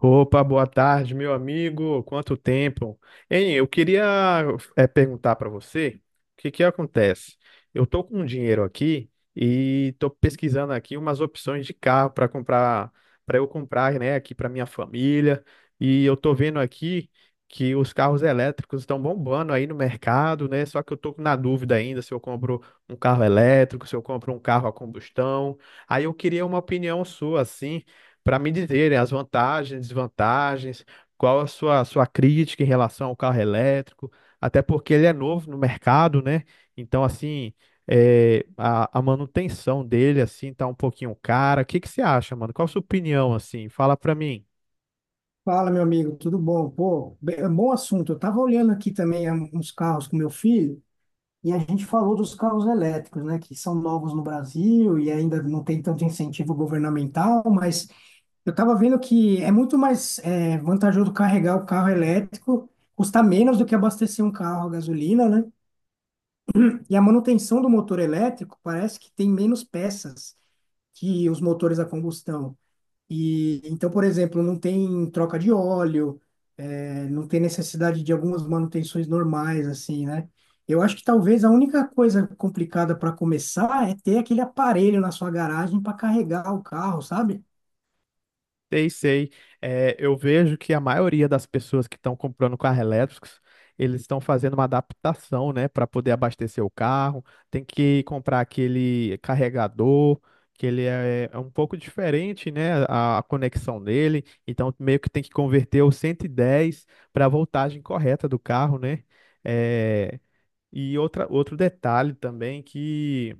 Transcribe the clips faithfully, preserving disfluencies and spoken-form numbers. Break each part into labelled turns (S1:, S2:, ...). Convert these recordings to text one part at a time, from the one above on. S1: Opa, boa tarde, meu amigo. Quanto tempo? Hein, eu queria é, perguntar para você o que que acontece. Eu tô com um dinheiro aqui e tô pesquisando aqui umas opções de carro para comprar, para eu comprar, né, aqui para minha família. E eu tô vendo aqui que os carros elétricos estão bombando aí no mercado, né? Só que eu tô na dúvida ainda se eu compro um carro elétrico, se eu compro um carro a combustão. Aí eu queria uma opinião sua, assim, para me dizerem as vantagens, desvantagens, qual a sua, sua crítica em relação ao carro elétrico, até porque ele é novo no mercado, né? Então, assim, é, a, a manutenção dele, assim, tá um pouquinho cara. O que que você acha, mano? Qual a sua opinião, assim? Fala para mim.
S2: Fala, meu amigo, tudo bom? Pô, bem- é um bom assunto. Eu tava olhando aqui também é, uns carros com meu filho e a gente falou dos carros elétricos, né, que são novos no Brasil e ainda não tem tanto incentivo governamental, mas eu tava vendo que é muito mais é, vantajoso carregar o carro elétrico, custa menos do que abastecer um carro a gasolina, né? E a manutenção do motor elétrico parece que tem menos peças que os motores a combustão. E então, por exemplo, não tem troca de óleo, eh, não tem necessidade de algumas manutenções normais, assim, né? Eu acho que talvez a única coisa complicada para começar é ter aquele aparelho na sua garagem para carregar o carro, sabe?
S1: Sei, sei. É, eu vejo que a maioria das pessoas que estão comprando carro elétricos, eles estão fazendo uma adaptação, né, para poder abastecer o carro. Tem que comprar aquele carregador, que ele é, é um pouco diferente, né, a, a conexão dele. Então, meio que tem que converter o cento e dez para a voltagem correta do carro, né? É, e outra, outro detalhe também que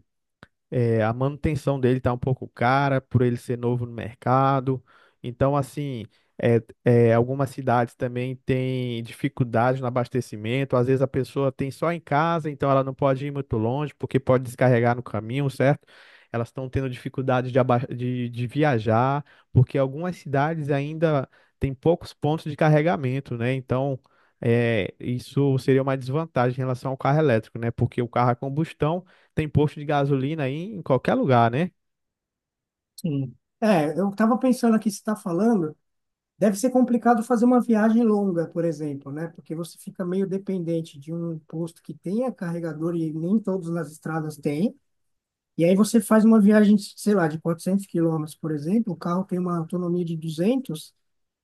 S1: é, a manutenção dele tá um pouco cara por ele ser novo no mercado. Então, assim, é, é, algumas cidades também têm dificuldades no abastecimento. Às vezes a pessoa tem só em casa, então ela não pode ir muito longe porque pode descarregar no caminho, certo? Elas estão tendo dificuldades de, aba- de, de viajar, porque algumas cidades ainda têm poucos pontos de carregamento, né? Então, é, isso seria uma desvantagem em relação ao carro elétrico, né? Porque o carro a combustão tem posto de gasolina aí em qualquer lugar, né?
S2: Sim. É, eu estava pensando aqui, você está falando, deve ser complicado fazer uma viagem longa, por exemplo, né? Porque você fica meio dependente de um posto que tenha carregador e nem todos nas estradas têm. E aí você faz uma viagem, sei lá, de quatrocentos quilômetros, por exemplo, o carro tem uma autonomia de duzentos.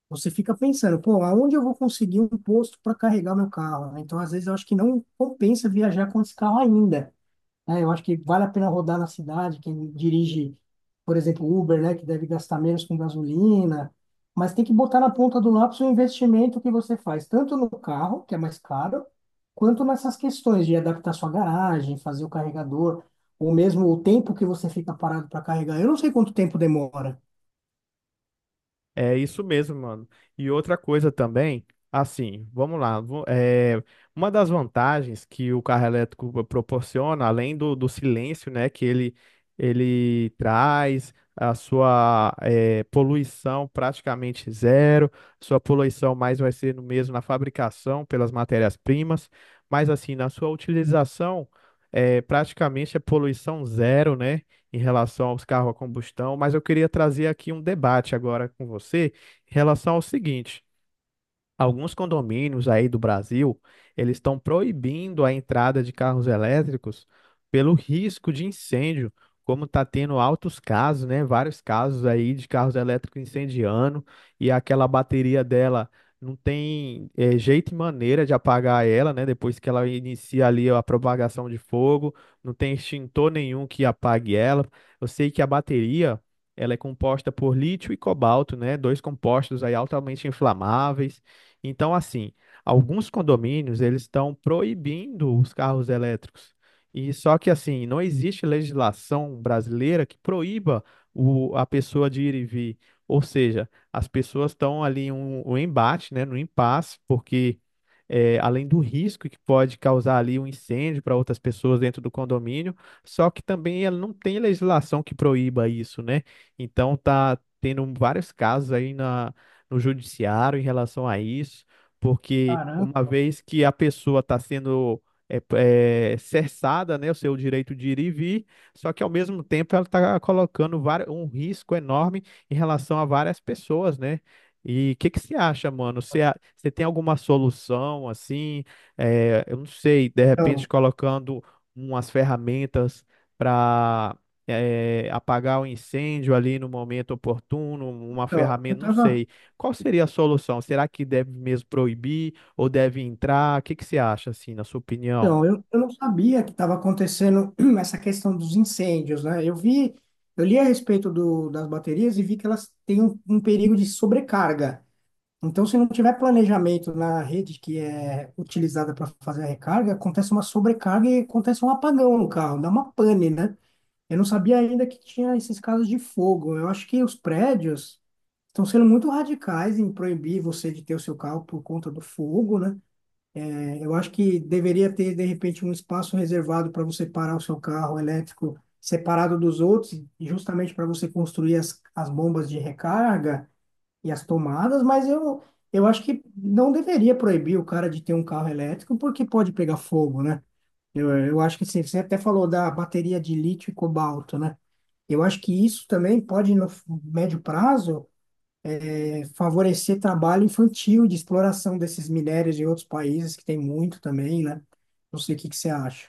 S2: Você fica pensando, pô, aonde eu vou conseguir um posto para carregar meu carro, né? Então, às vezes, eu acho que não compensa viajar com esse carro ainda, né? Eu acho que vale a pena rodar na cidade, quem dirige, por exemplo, Uber, né, que deve gastar menos com gasolina, mas tem que botar na ponta do lápis o investimento que você faz, tanto no carro, que é mais caro, quanto nessas questões de adaptar sua garagem, fazer o carregador, ou mesmo o tempo que você fica parado para carregar. Eu não sei quanto tempo demora.
S1: É isso mesmo, mano. E outra coisa também, assim, vamos lá. Vo- É, uma das vantagens que o carro elétrico proporciona, além do, do silêncio, né, que ele, ele traz, a sua é, poluição praticamente zero, sua poluição mais vai ser no mesmo na fabricação pelas matérias-primas, mas assim, na sua utilização, é, praticamente é poluição zero, né? Em relação aos carros a combustão, mas eu queria trazer aqui um debate agora com você em relação ao seguinte. Alguns condomínios aí do Brasil, eles estão proibindo a entrada de carros elétricos pelo risco de incêndio, como está tendo altos casos, né? Vários casos aí de carros elétricos incendiando e aquela bateria dela não tem eh, jeito e maneira de apagar ela, né? Depois que ela inicia ali a propagação de fogo, não tem extintor nenhum que apague ela. Eu sei que a bateria, ela é composta por lítio e cobalto, né? Dois compostos aí altamente inflamáveis, então, assim, alguns condomínios eles estão proibindo os carros elétricos. E só que assim, não existe legislação brasileira que proíba o, a pessoa de ir e vir. Ou seja, as pessoas estão ali um, um embate, né, no impasse, porque eh, além do risco que pode causar ali um incêndio para outras pessoas dentro do condomínio, só que também ela não tem legislação que proíba isso, né? Então tá tendo vários casos aí na no judiciário em relação a isso, porque uma
S2: Caramba.
S1: vez que a pessoa está sendo é, é, cerçada, né, o seu direito de ir e vir, só que ao mesmo tempo ela está colocando vari- um risco enorme em relação a várias pessoas, né? E o que que você acha, mano? Você, a- você tem alguma solução assim? É, eu não sei, de repente
S2: Então,
S1: colocando umas ferramentas para apagar o incêndio ali no momento oportuno, uma
S2: então, eu
S1: ferramenta, não
S2: estava
S1: sei. Qual seria a solução? Será que deve mesmo proibir ou deve entrar? O que que você acha, assim, na sua opinião?
S2: Então, eu, eu não sabia que estava acontecendo essa questão dos incêndios, né? Eu vi, eu li a respeito do, das baterias e vi que elas têm um, um perigo de sobrecarga. Então, se não tiver planejamento na rede que é utilizada para fazer a recarga, acontece uma sobrecarga e acontece um apagão no carro, dá uma pane, né? Eu não sabia ainda que tinha esses casos de fogo. Eu acho que os prédios estão sendo muito radicais em proibir você de ter o seu carro por conta do fogo, né? Eu acho que deveria ter, de repente, um espaço reservado para você parar o seu carro elétrico separado dos outros, justamente para você construir as, as bombas de recarga e as tomadas, mas eu, eu acho que não deveria proibir o cara de ter um carro elétrico, porque pode pegar fogo, né? Eu, eu acho que sim, você até falou da bateria de lítio e cobalto, né? Eu acho que isso também pode, no médio prazo, favorecer trabalho infantil de exploração desses minérios de outros países, que tem muito também, né? Não sei o que que você acha.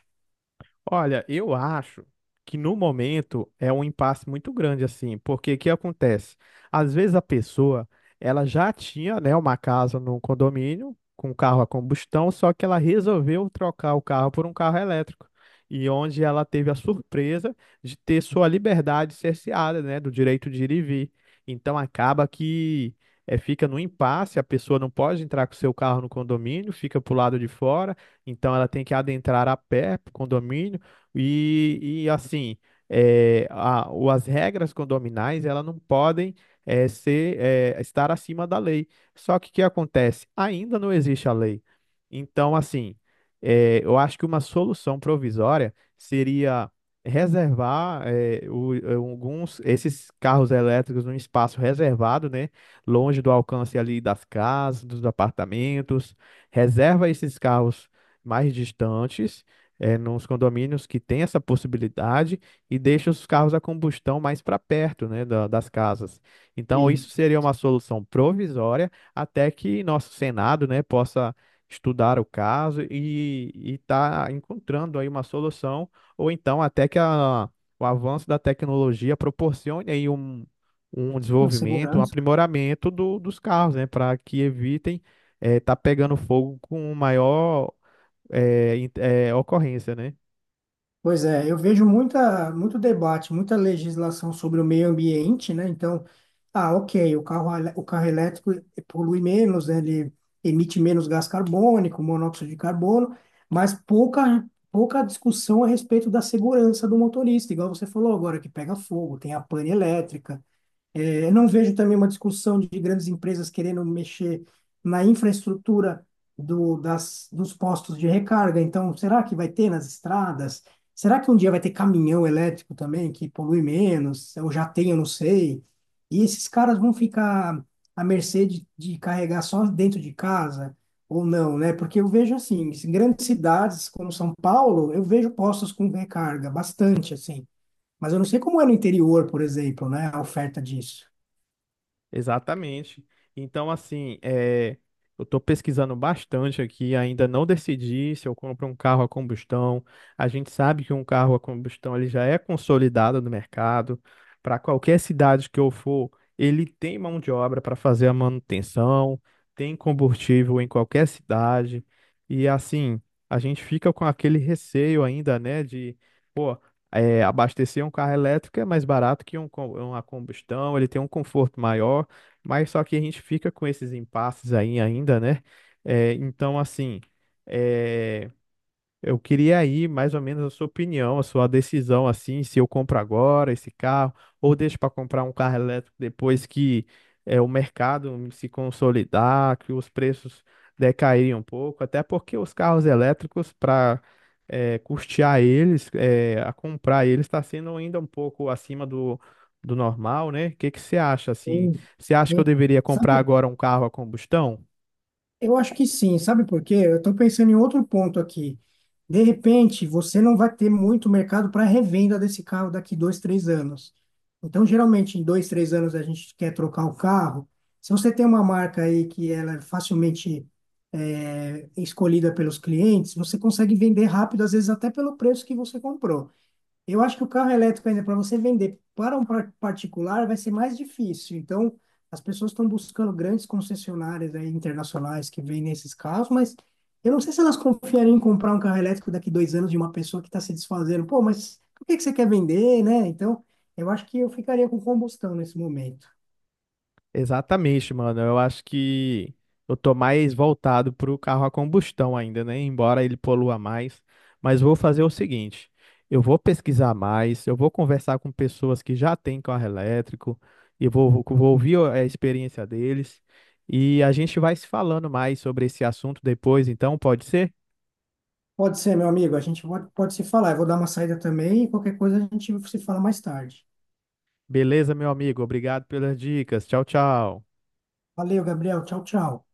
S1: Olha, eu acho que no momento é um impasse muito grande assim, porque o que acontece? Às vezes a pessoa, ela já tinha, né, uma casa num condomínio com carro a combustão, só que ela resolveu trocar o carro por um carro elétrico. E onde ela teve a surpresa de ter sua liberdade cerceada, né, do direito de ir e vir. Então acaba que é, fica no impasse, a pessoa não pode entrar com seu carro no condomínio, fica pro lado de fora. Então ela tem que adentrar a pé para o condomínio, e, e assim, é, a, o- as regras condominais, elas não podem é, ser, é, estar acima da lei. Só que o que acontece? Ainda não existe a lei. Então, assim, é, eu acho que uma solução provisória seria reservar é, o- eh, alguns esses carros elétricos num espaço reservado, né, longe do alcance ali das casas, dos apartamentos, reserva esses carros mais distantes é, nos condomínios que tem essa possibilidade e deixa os carros a combustão mais para perto, né, da- das casas. Então,
S2: E
S1: isso seria uma solução provisória até que nosso Senado, né, possa estudar o caso e estar encontrando aí uma solução, ou então até que a- o avanço da tecnologia proporcione aí um, um
S2: na
S1: desenvolvimento, um
S2: segurança.
S1: aprimoramento do- dos carros, né, para que evitem estar pegando fogo com maior é, in- é, ocorrência, né?
S2: Pois é, eu vejo muita, muito debate, muita legislação sobre o meio ambiente, né? Então, ah, ok, o carro, elé- o carro elétrico polui menos, né? Ele emite menos gás carbônico, monóxido de carbono, mas pouca, pouca discussão a respeito da segurança do motorista, igual você falou agora, que pega fogo, tem a pane elétrica. É, Eu não vejo também uma discussão de grandes empresas querendo mexer na infraestrutura do, das, dos postos de recarga. Então, será que vai ter nas estradas? Será que um dia vai ter caminhão elétrico também que polui menos? Ou já tem, eu não sei. E esses caras vão ficar à mercê de, de carregar só dentro de casa ou não, né? Porque eu vejo assim, em grandes cidades como São Paulo, eu vejo postos com recarga bastante assim. Mas eu não sei como é no interior, por exemplo, né? A oferta disso.
S1: Exatamente. Então, assim, é, eu estou pesquisando bastante aqui, ainda não decidi se eu compro um carro a combustão. A gente sabe que um carro a combustão ele já é consolidado no mercado. Para qualquer cidade que eu for, ele tem mão de obra para fazer a manutenção, tem combustível em qualquer cidade. E assim, a gente fica com aquele receio ainda, né, de, pô, é, abastecer um carro elétrico é mais barato que um, co- uma combustão, ele tem um conforto maior. Mas só que a gente fica com esses impasses aí ainda, né? É, então, assim. é, eu queria aí mais ou menos a sua opinião, a sua decisão assim, se eu compro agora esse carro ou deixo para comprar um carro elétrico depois que é, o mercado se consolidar, que os preços decaírem um pouco, até porque os carros elétricos para custear eles, é, a comprar eles está sendo ainda um pouco acima do, do normal, né? O que que você acha assim?
S2: Sim,
S1: Você acha que eu
S2: sim.
S1: deveria comprar
S2: Sabe,
S1: agora um carro a combustão?
S2: eu acho que sim, sabe por quê? Eu estou pensando em outro ponto aqui. De repente, você não vai ter muito mercado para revenda desse carro daqui dois, três anos. Então, geralmente, em dois, três anos, a gente quer trocar o carro. Se você tem uma marca aí que ela é facilmente é, escolhida pelos clientes, você consegue vender rápido, às vezes até pelo preço que você comprou. Eu acho que o carro elétrico ainda para você vender para um par- particular vai ser mais difícil. Então, as pessoas estão buscando grandes concessionárias aí internacionais que vendem esses carros, mas eu não sei se elas confiariam em comprar um carro elétrico daqui dois anos de uma pessoa que está se desfazendo. Pô, mas por que que você quer vender, né? Então, eu acho que eu ficaria com combustão nesse momento.
S1: Exatamente, mano. Eu acho que eu tô mais voltado pro carro a combustão ainda, né? Embora ele polua mais. Mas vou fazer o seguinte: eu vou pesquisar mais, eu vou conversar com pessoas que já têm carro elétrico e vou, vou vou ouvir a experiência deles. E a gente vai se falando mais sobre esse assunto depois, então pode ser?
S2: Pode ser, meu amigo, a gente pode, pode se falar. Eu vou dar uma saída também e qualquer coisa a gente se fala mais tarde.
S1: Beleza, meu amigo. Obrigado pelas dicas. Tchau, tchau.
S2: Valeu, Gabriel. Tchau, tchau.